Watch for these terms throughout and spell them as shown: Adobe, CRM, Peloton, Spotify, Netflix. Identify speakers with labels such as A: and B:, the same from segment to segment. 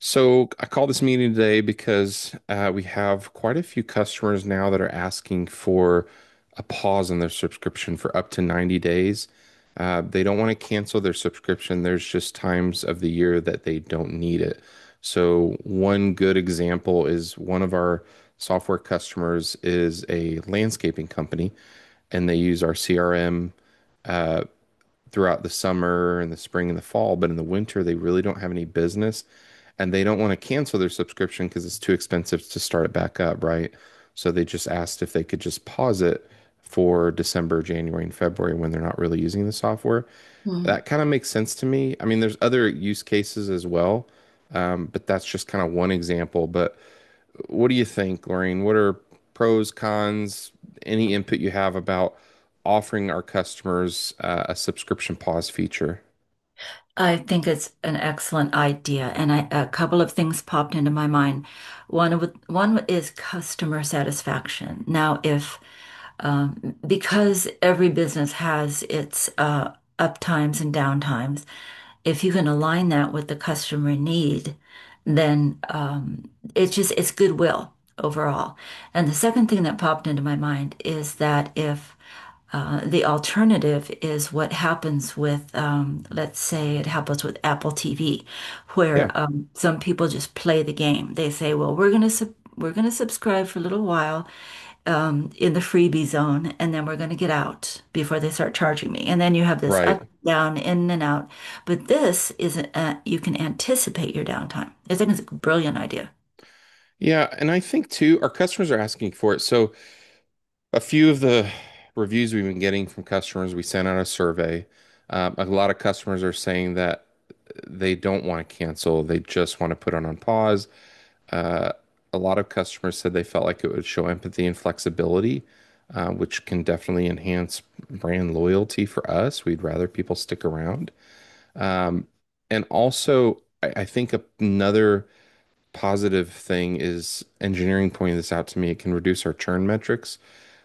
A: So I called this meeting today because we have quite a few customers now that are asking for a pause in their subscription for up to 90 days. They don't want to cancel their subscription. There's just times of the year that they don't need it. So one good example is one of our software customers is a landscaping company and they use our CRM. Uh, Throughout the summer and the spring and the fall, but in the winter they really don't have any business and they don't want to cancel their subscription because it's too expensive to start it back up, right? So they just asked if they could just pause it for December, January, and February when they're not really using the software.
B: Mm.
A: That kind of makes sense to me. I mean, there's other use cases as well, but that's just kind of one example. But what do you think, Lorraine? What are pros, cons, any input you have about offering our customers a subscription pause feature?
B: I think it's an excellent idea, a couple of things popped into my mind. One is customer satisfaction. Now, if because every business has its up times and down times, if you can align that with the customer need, then it's just it's goodwill overall. And the second thing that popped into my mind is that if the alternative is what happens with, let's say it happens with Apple TV,
A: Yeah,
B: where some people just play the game. They say, well, we're going to subscribe for a little while in the freebie zone, and then we're going to get out before they start charging me. And then you have this up,
A: right.
B: down, in and out. But this is you can anticipate your downtime. I think it's like a brilliant idea.
A: Yeah, and I think too, our customers are asking for it. So a few of the reviews we've been getting from customers, we sent out a survey. A lot of customers are saying that they don't want to cancel. They just want to put it on pause. Uh, a lot of customers said they felt like it would show empathy and flexibility, which can definitely enhance brand loyalty for us. We'd rather people stick around. Um, and also, I think another positive thing is engineering pointed this out to me. It can reduce our churn metrics,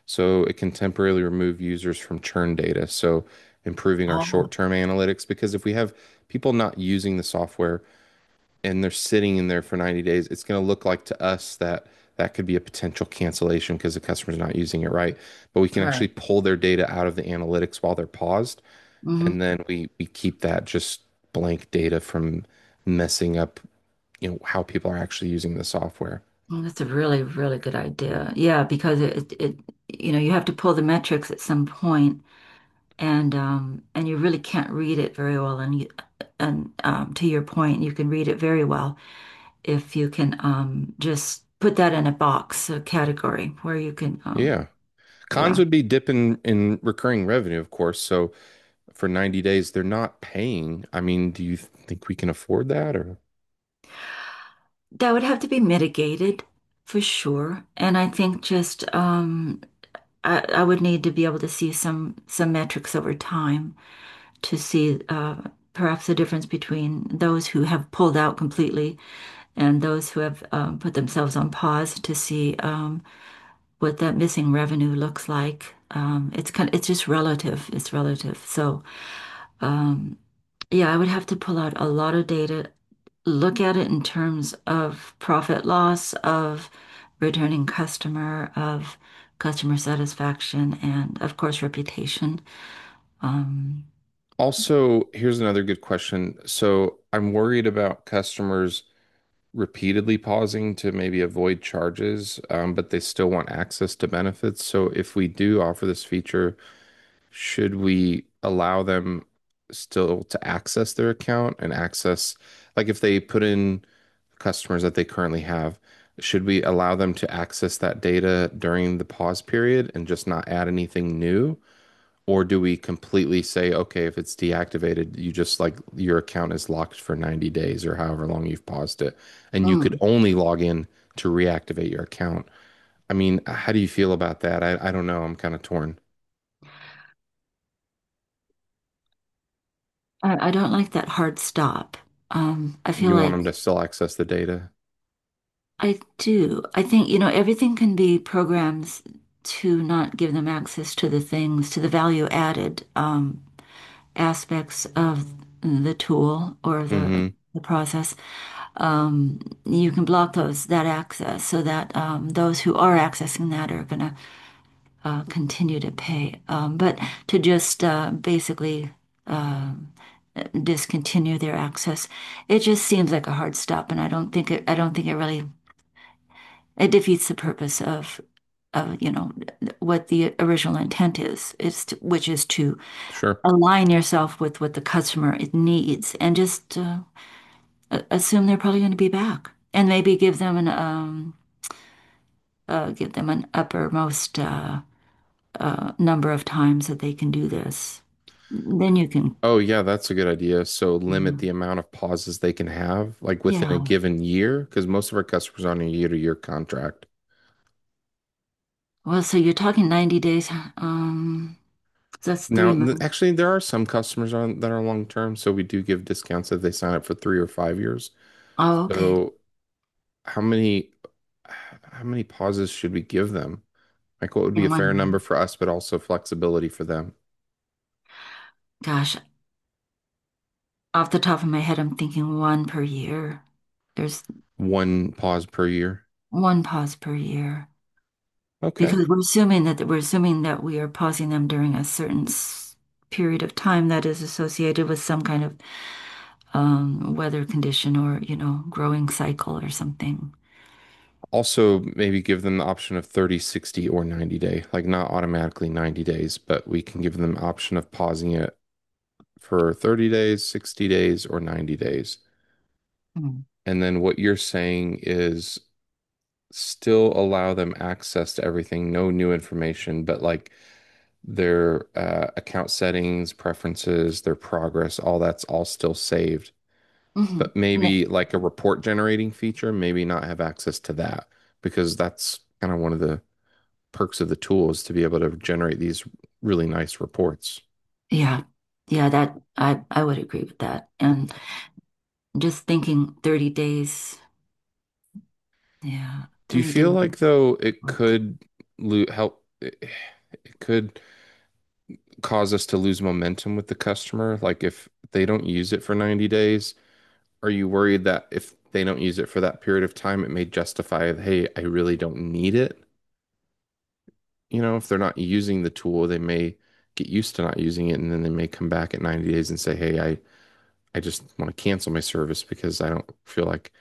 A: so it can temporarily remove users from churn data. So improving our
B: Oh,
A: short-term analytics, because if we have people not using the software, and they're sitting in there for 90 days, it's going to look like to us that that could be a potential cancellation because the customer's not using it right. But we can actually
B: right.
A: pull their data out of the analytics while they're paused, and
B: Mhm.
A: then we keep that just blank data from messing up how people are actually using the software.
B: Well, that's a really, really good idea. Yeah, because you know, you have to pull the metrics at some point, and and you really can't read it very well. And to your point, you can read it very well if you can just put that in a box, a category where you can.
A: Yeah. Cons
B: Yeah,
A: would be dip in recurring revenue, of course. So for 90 days, they're not paying. I mean, do you think we can afford that or?
B: that would have to be mitigated for sure. And I think I would need to be able to see some metrics over time to see perhaps the difference between those who have pulled out completely and those who have put themselves on pause to see what that missing revenue looks like. It's just relative. It's relative. So um, yeah, I would have to pull out a lot of data, look at it in terms of profit loss, of returning customer, of customer satisfaction, and of course reputation. Um,
A: Also, here's another good question. So I'm worried about customers repeatedly pausing to maybe avoid charges, but they still want access to benefits. So if we do offer this feature, should we allow them still to access their account and access, like if they put in customers that they currently have, should we allow them to access that data during the pause period and just not add anything new? Or do we completely say, okay, if it's deactivated, you just like your account is locked for 90 days or however long you've paused it, and you could
B: mm.
A: only log in to reactivate your account? I mean, how do you feel about that? I don't know. I'm kind of torn.
B: I don't like that hard stop. I feel
A: You want them
B: like
A: to still access the data?
B: I do. I think, you know, everything can be programs to not give them access to the things, to the value added aspects of the tool or the
A: Hmm.
B: the process. Um, you can block those that access so that those who are accessing that are going to continue to pay. But to just basically uh, discontinue their access. It just seems like a hard stop, and I don't think it. I don't think it really it defeats the purpose of you know what the original intent is. It's to, which is to
A: Sure.
B: align yourself with what the customer needs, and just assume they're probably going to be back, and maybe give them an uppermost number of times that they can do this. Then you can,
A: Oh, yeah, that's a good idea. So
B: you
A: limit
B: know,
A: the amount of pauses they can have, like within a
B: yeah.
A: given year, because most of our customers are on a year-to-year contract.
B: Well, so you're talking 90 days. Um, That's
A: Now,
B: three months.
A: actually, there are some customers on that are long term, so we do give discounts if they sign up for 3 or 5 years.
B: Oh, okay.
A: So, how many how many pauses should we give them? Like, what would
B: In
A: be a fair number
B: one.
A: for us, but also flexibility for them?
B: Gosh, off the top of my head, I'm thinking one per year. There's
A: One pause per year.
B: one pause per year
A: Okay.
B: because we're assuming that we are pausing them during a certain period of time that is associated with some kind of weather condition or, you know, growing cycle or something.
A: Also, maybe give them the option of 30, 60, or 90 day. Like, not automatically 90 days, but we can give them the option of pausing it for 30 days, 60 days, or 90 days.
B: Mm.
A: And then what you're saying is still allow them access to everything, no new information, but like their account settings, preferences, their progress, all that's all still saved.
B: Hmm.
A: But maybe like a report generating feature, maybe not have access to that because that's kind of one of the perks of the tool is to be able to generate these really nice reports.
B: Yeah. Yeah, that I would agree with that. And just thinking 30 days. Yeah,
A: Do you
B: 30
A: feel
B: days of
A: like though it
B: work.
A: could lo help? It could cause us to lose momentum with the customer. Like if they don't use it for 90 days, are you worried that if they don't use it for that period of time, it may justify, hey, I really don't need it? You know, if they're not using the tool, they may get used to not using it and then they may come back at 90 days and say, hey, I just want to cancel my service because I don't feel like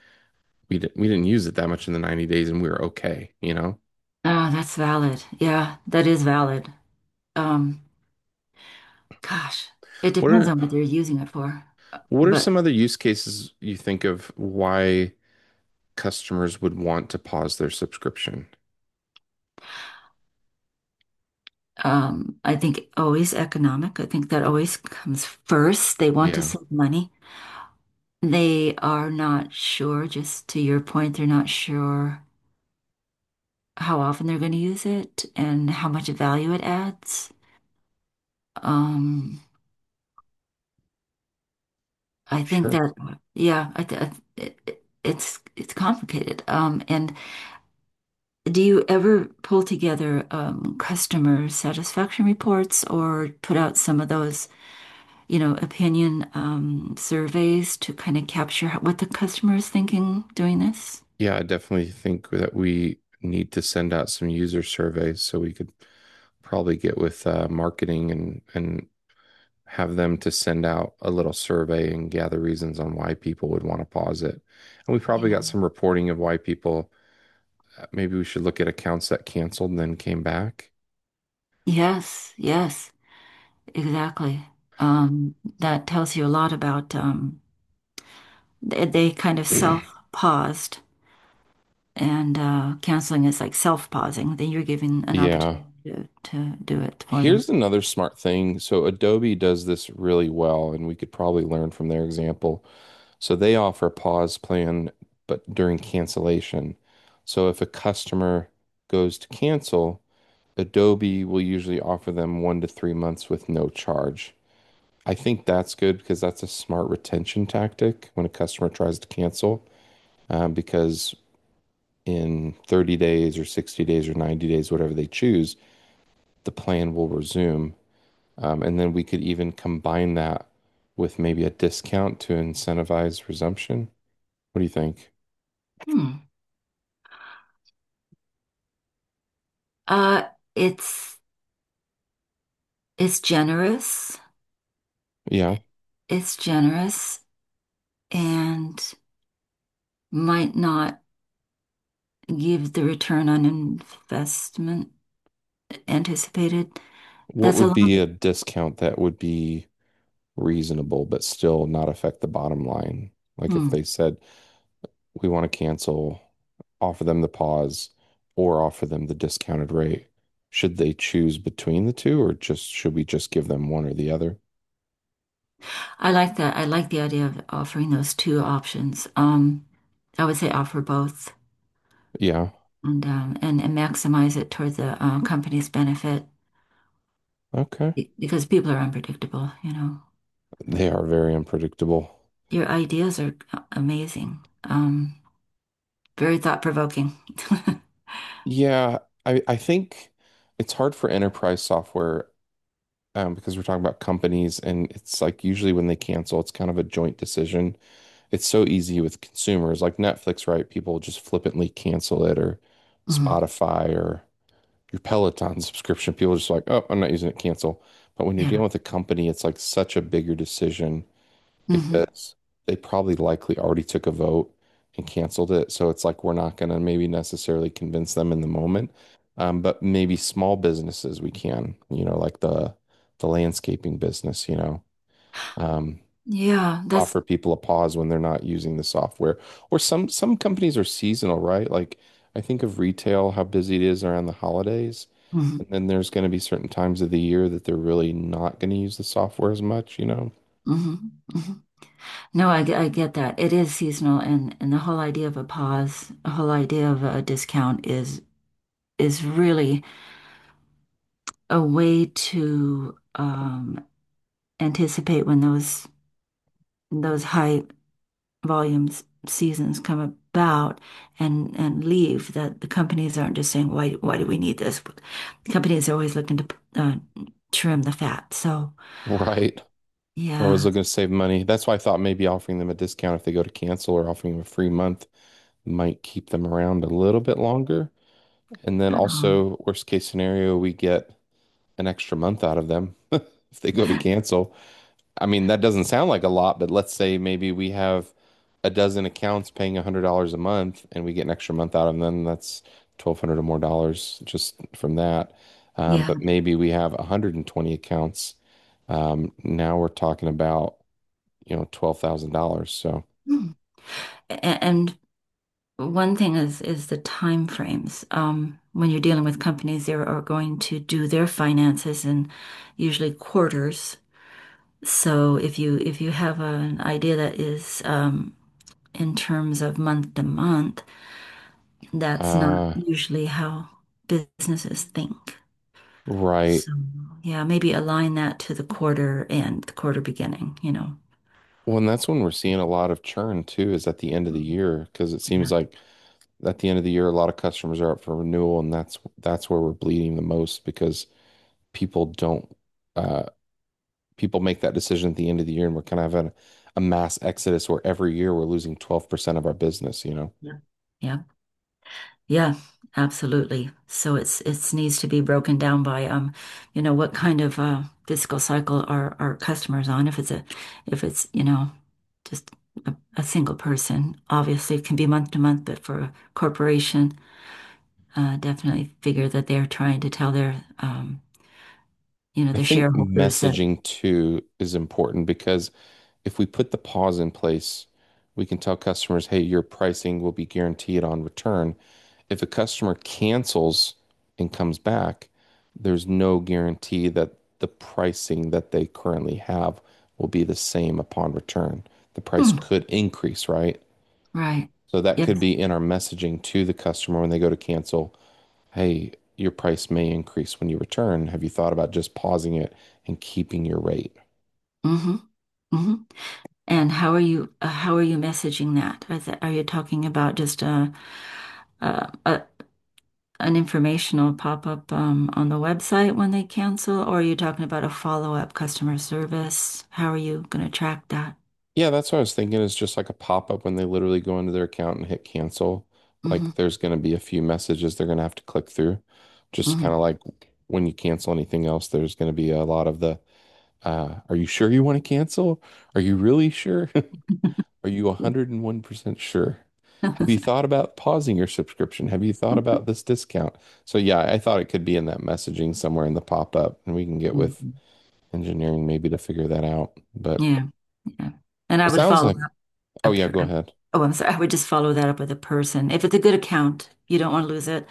A: we didn't use it that much in the 90 days and we were okay, you know?
B: Ah, that's valid. Yeah, that is valid. Um, gosh, it
A: What
B: depends
A: are
B: on what they're using it for.
A: what are
B: But
A: some other use cases you think of why customers would want to pause their subscription?
B: I think always economic. I think that always comes first. They want to
A: Yeah,
B: save money. They are not sure, just to your point, they're not sure how often they're going to use it and how much value it adds. Um, I think
A: sure.
B: that, yeah, I th- it- it's complicated. And do you ever pull together customer satisfaction reports or put out some of those? You know, opinion surveys to kind of capture how, what the customer is thinking doing this.
A: Yeah, I definitely think that we need to send out some user surveys so we could probably get with marketing and have them to send out a little survey and gather reasons on why people would want to pause it. And we probably
B: Yeah.
A: got some reporting of why people, maybe we should look at accounts that canceled and then came back.
B: Yes, yes, exactly. That tells you a lot about they kind of self-paused and canceling is like self-pausing. Then you're giving an opportunity
A: Yeah.
B: to do it for them.
A: Here's another smart thing. So Adobe does this really well, and we could probably learn from their example. So they offer a pause plan, but during cancellation. So if a customer goes to cancel, Adobe will usually offer them 1 to 3 months with no charge. I think that's good because that's a smart retention tactic when a customer tries to cancel, because in 30 days or 60 days or 90 days, whatever they choose, the plan will resume. And then we could even combine that with maybe a discount to incentivize resumption. What do you think?
B: Hmm. Uh, it's it's generous.
A: Yeah.
B: It's generous and might not give the return on investment anticipated.
A: What
B: That's a
A: would be a
B: long.
A: discount that would be reasonable but still not affect the bottom line? Like if
B: Hmm.
A: they said, we want to cancel, offer them the pause or offer them the discounted rate. Should they choose between the two or just should we just give them one or the other?
B: I like that. I like the idea of offering those two options. I would say offer both
A: Yeah.
B: and and maximize it toward the company's benefit
A: Okay.
B: because people are unpredictable, you know.
A: They are very unpredictable.
B: Your ideas are amazing. Very thought-provoking.
A: Yeah, I think it's hard for enterprise software because we're talking about companies and it's like usually when they cancel, it's kind of a joint decision. It's so easy with consumers like Netflix, right? People just flippantly cancel it or
B: Mhm.
A: Spotify or your Peloton subscription. People are just like, oh, I'm not using it, cancel. But when you're
B: Yeah.
A: dealing with a company, it's like such a bigger decision
B: Hmm.
A: because they probably likely already took a vote and canceled it. So it's like we're not going to maybe necessarily convince them in the moment. But maybe small businesses we can, you know, like the landscaping business, you know. Um,
B: Yeah, that's
A: Offer people a pause when they're not using the software. Or some companies are seasonal, right? Like I think of retail, how busy it is around the holidays. And
B: hmm.
A: then there's going to be certain times of the year that they're really not going to use the software as much, you know?
B: Hmm. Hmm. No, I get that. It is seasonal and the whole idea of a pause, the whole idea of a discount is really a way to anticipate when those high volumes seasons come about and leave that the companies aren't just saying why do we need this? The Companies are always looking to uh, trim the fat. So,
A: Right. They're always
B: yeah.
A: looking to save money. That's why I thought maybe offering them a discount if they go to cancel or offering them a free month might keep them around a little bit longer. And then
B: Um,
A: also, worst case scenario, we get an extra month out of them if they go to cancel. I mean, that doesn't sound like a lot, but let's say maybe we have a dozen accounts paying $100 a month and we get an extra month out of them. That's 1,200 or more dollars just from that.
B: yeah.
A: But maybe we have 120 accounts. Now we're talking about $12,000. So,
B: And, one thing is the time frames. When you're dealing with companies, they are going to do their finances in usually quarters. So if you have an idea that is in terms of month to month, that's not
A: uh,
B: usually how businesses think.
A: right.
B: So yeah, maybe align that to the quarter and the quarter beginning, you know.
A: Well, and that's when we're seeing a lot of churn too, is at the end of the
B: Mm,
A: year, because it
B: yeah.
A: seems like at the end of the year, a lot of customers are up for renewal, and that's where we're bleeding the most because people don't uh people make that decision at the end of the year and we're kind of having a mass exodus where every year we're losing 12% of our business, you know.
B: Yeah. Yeah. Yeah, absolutely. So it's needs to be broken down by you know, what kind of fiscal cycle are our customers on? If it's, you know, just a single person, obviously it can be month to month, but for a corporation, definitely figure that they're trying to tell their you know,
A: I
B: their
A: think
B: shareholders that
A: messaging too is important because if we put the pause in place, we can tell customers, hey, your pricing will be guaranteed on return. If a customer cancels and comes back, there's no guarantee that the pricing that they currently have will be the same upon return. The price
B: hmm,
A: could increase, right?
B: right.
A: So that could
B: Yes.
A: be in our messaging to the customer when they go to cancel. Hey, your price may increase when you return. Have you thought about just pausing it and keeping your rate?
B: Mm-hmm. Mm-hmm. And how are you messaging that? Is that, are you talking about just uh, uh, an informational pop-up on the website when they cancel, or are you talking about a follow-up customer service? How are you going to track that?
A: Yeah, that's what I was thinking is just like a pop-up when they literally go into their account and hit cancel. Like
B: Hmm.
A: there's going to be a few messages they're going to have to click through. Just
B: Hmm.
A: kind of like when you cancel anything else, there's going to be a lot of the, are you sure you want to cancel? Are you really sure? Are you 101% sure? Have you
B: Mhm.
A: thought about pausing your subscription? Have you thought about this discount? So, yeah, I thought it could be in that messaging somewhere in the pop-up, and we can get with engineering maybe to figure that out. But
B: Yeah, yeah. And I
A: it
B: would
A: sounds
B: follow
A: like,
B: up,
A: oh,
B: up
A: yeah,
B: here.
A: go ahead.
B: Oh, I'm sorry. I would just follow that up with a person. If it's a good account, you don't want to lose it.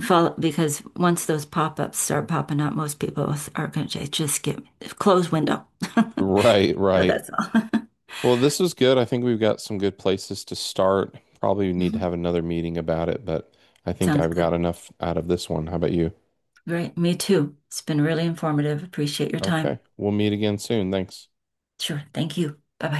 B: Follow because once those pop-ups start popping up, most people are going to just get close window.
A: Right,
B: So
A: right.
B: that's all.
A: Well, this was good. I think we've got some good places to start. Probably need to
B: Mhm.
A: have another meeting about it, but I think
B: Sounds
A: I've got
B: good.
A: enough out of this one. How about you?
B: Right. Me too. It's been really informative. Appreciate your time.
A: Okay, we'll meet again soon. Thanks.
B: Sure. Thank you. Bye bye.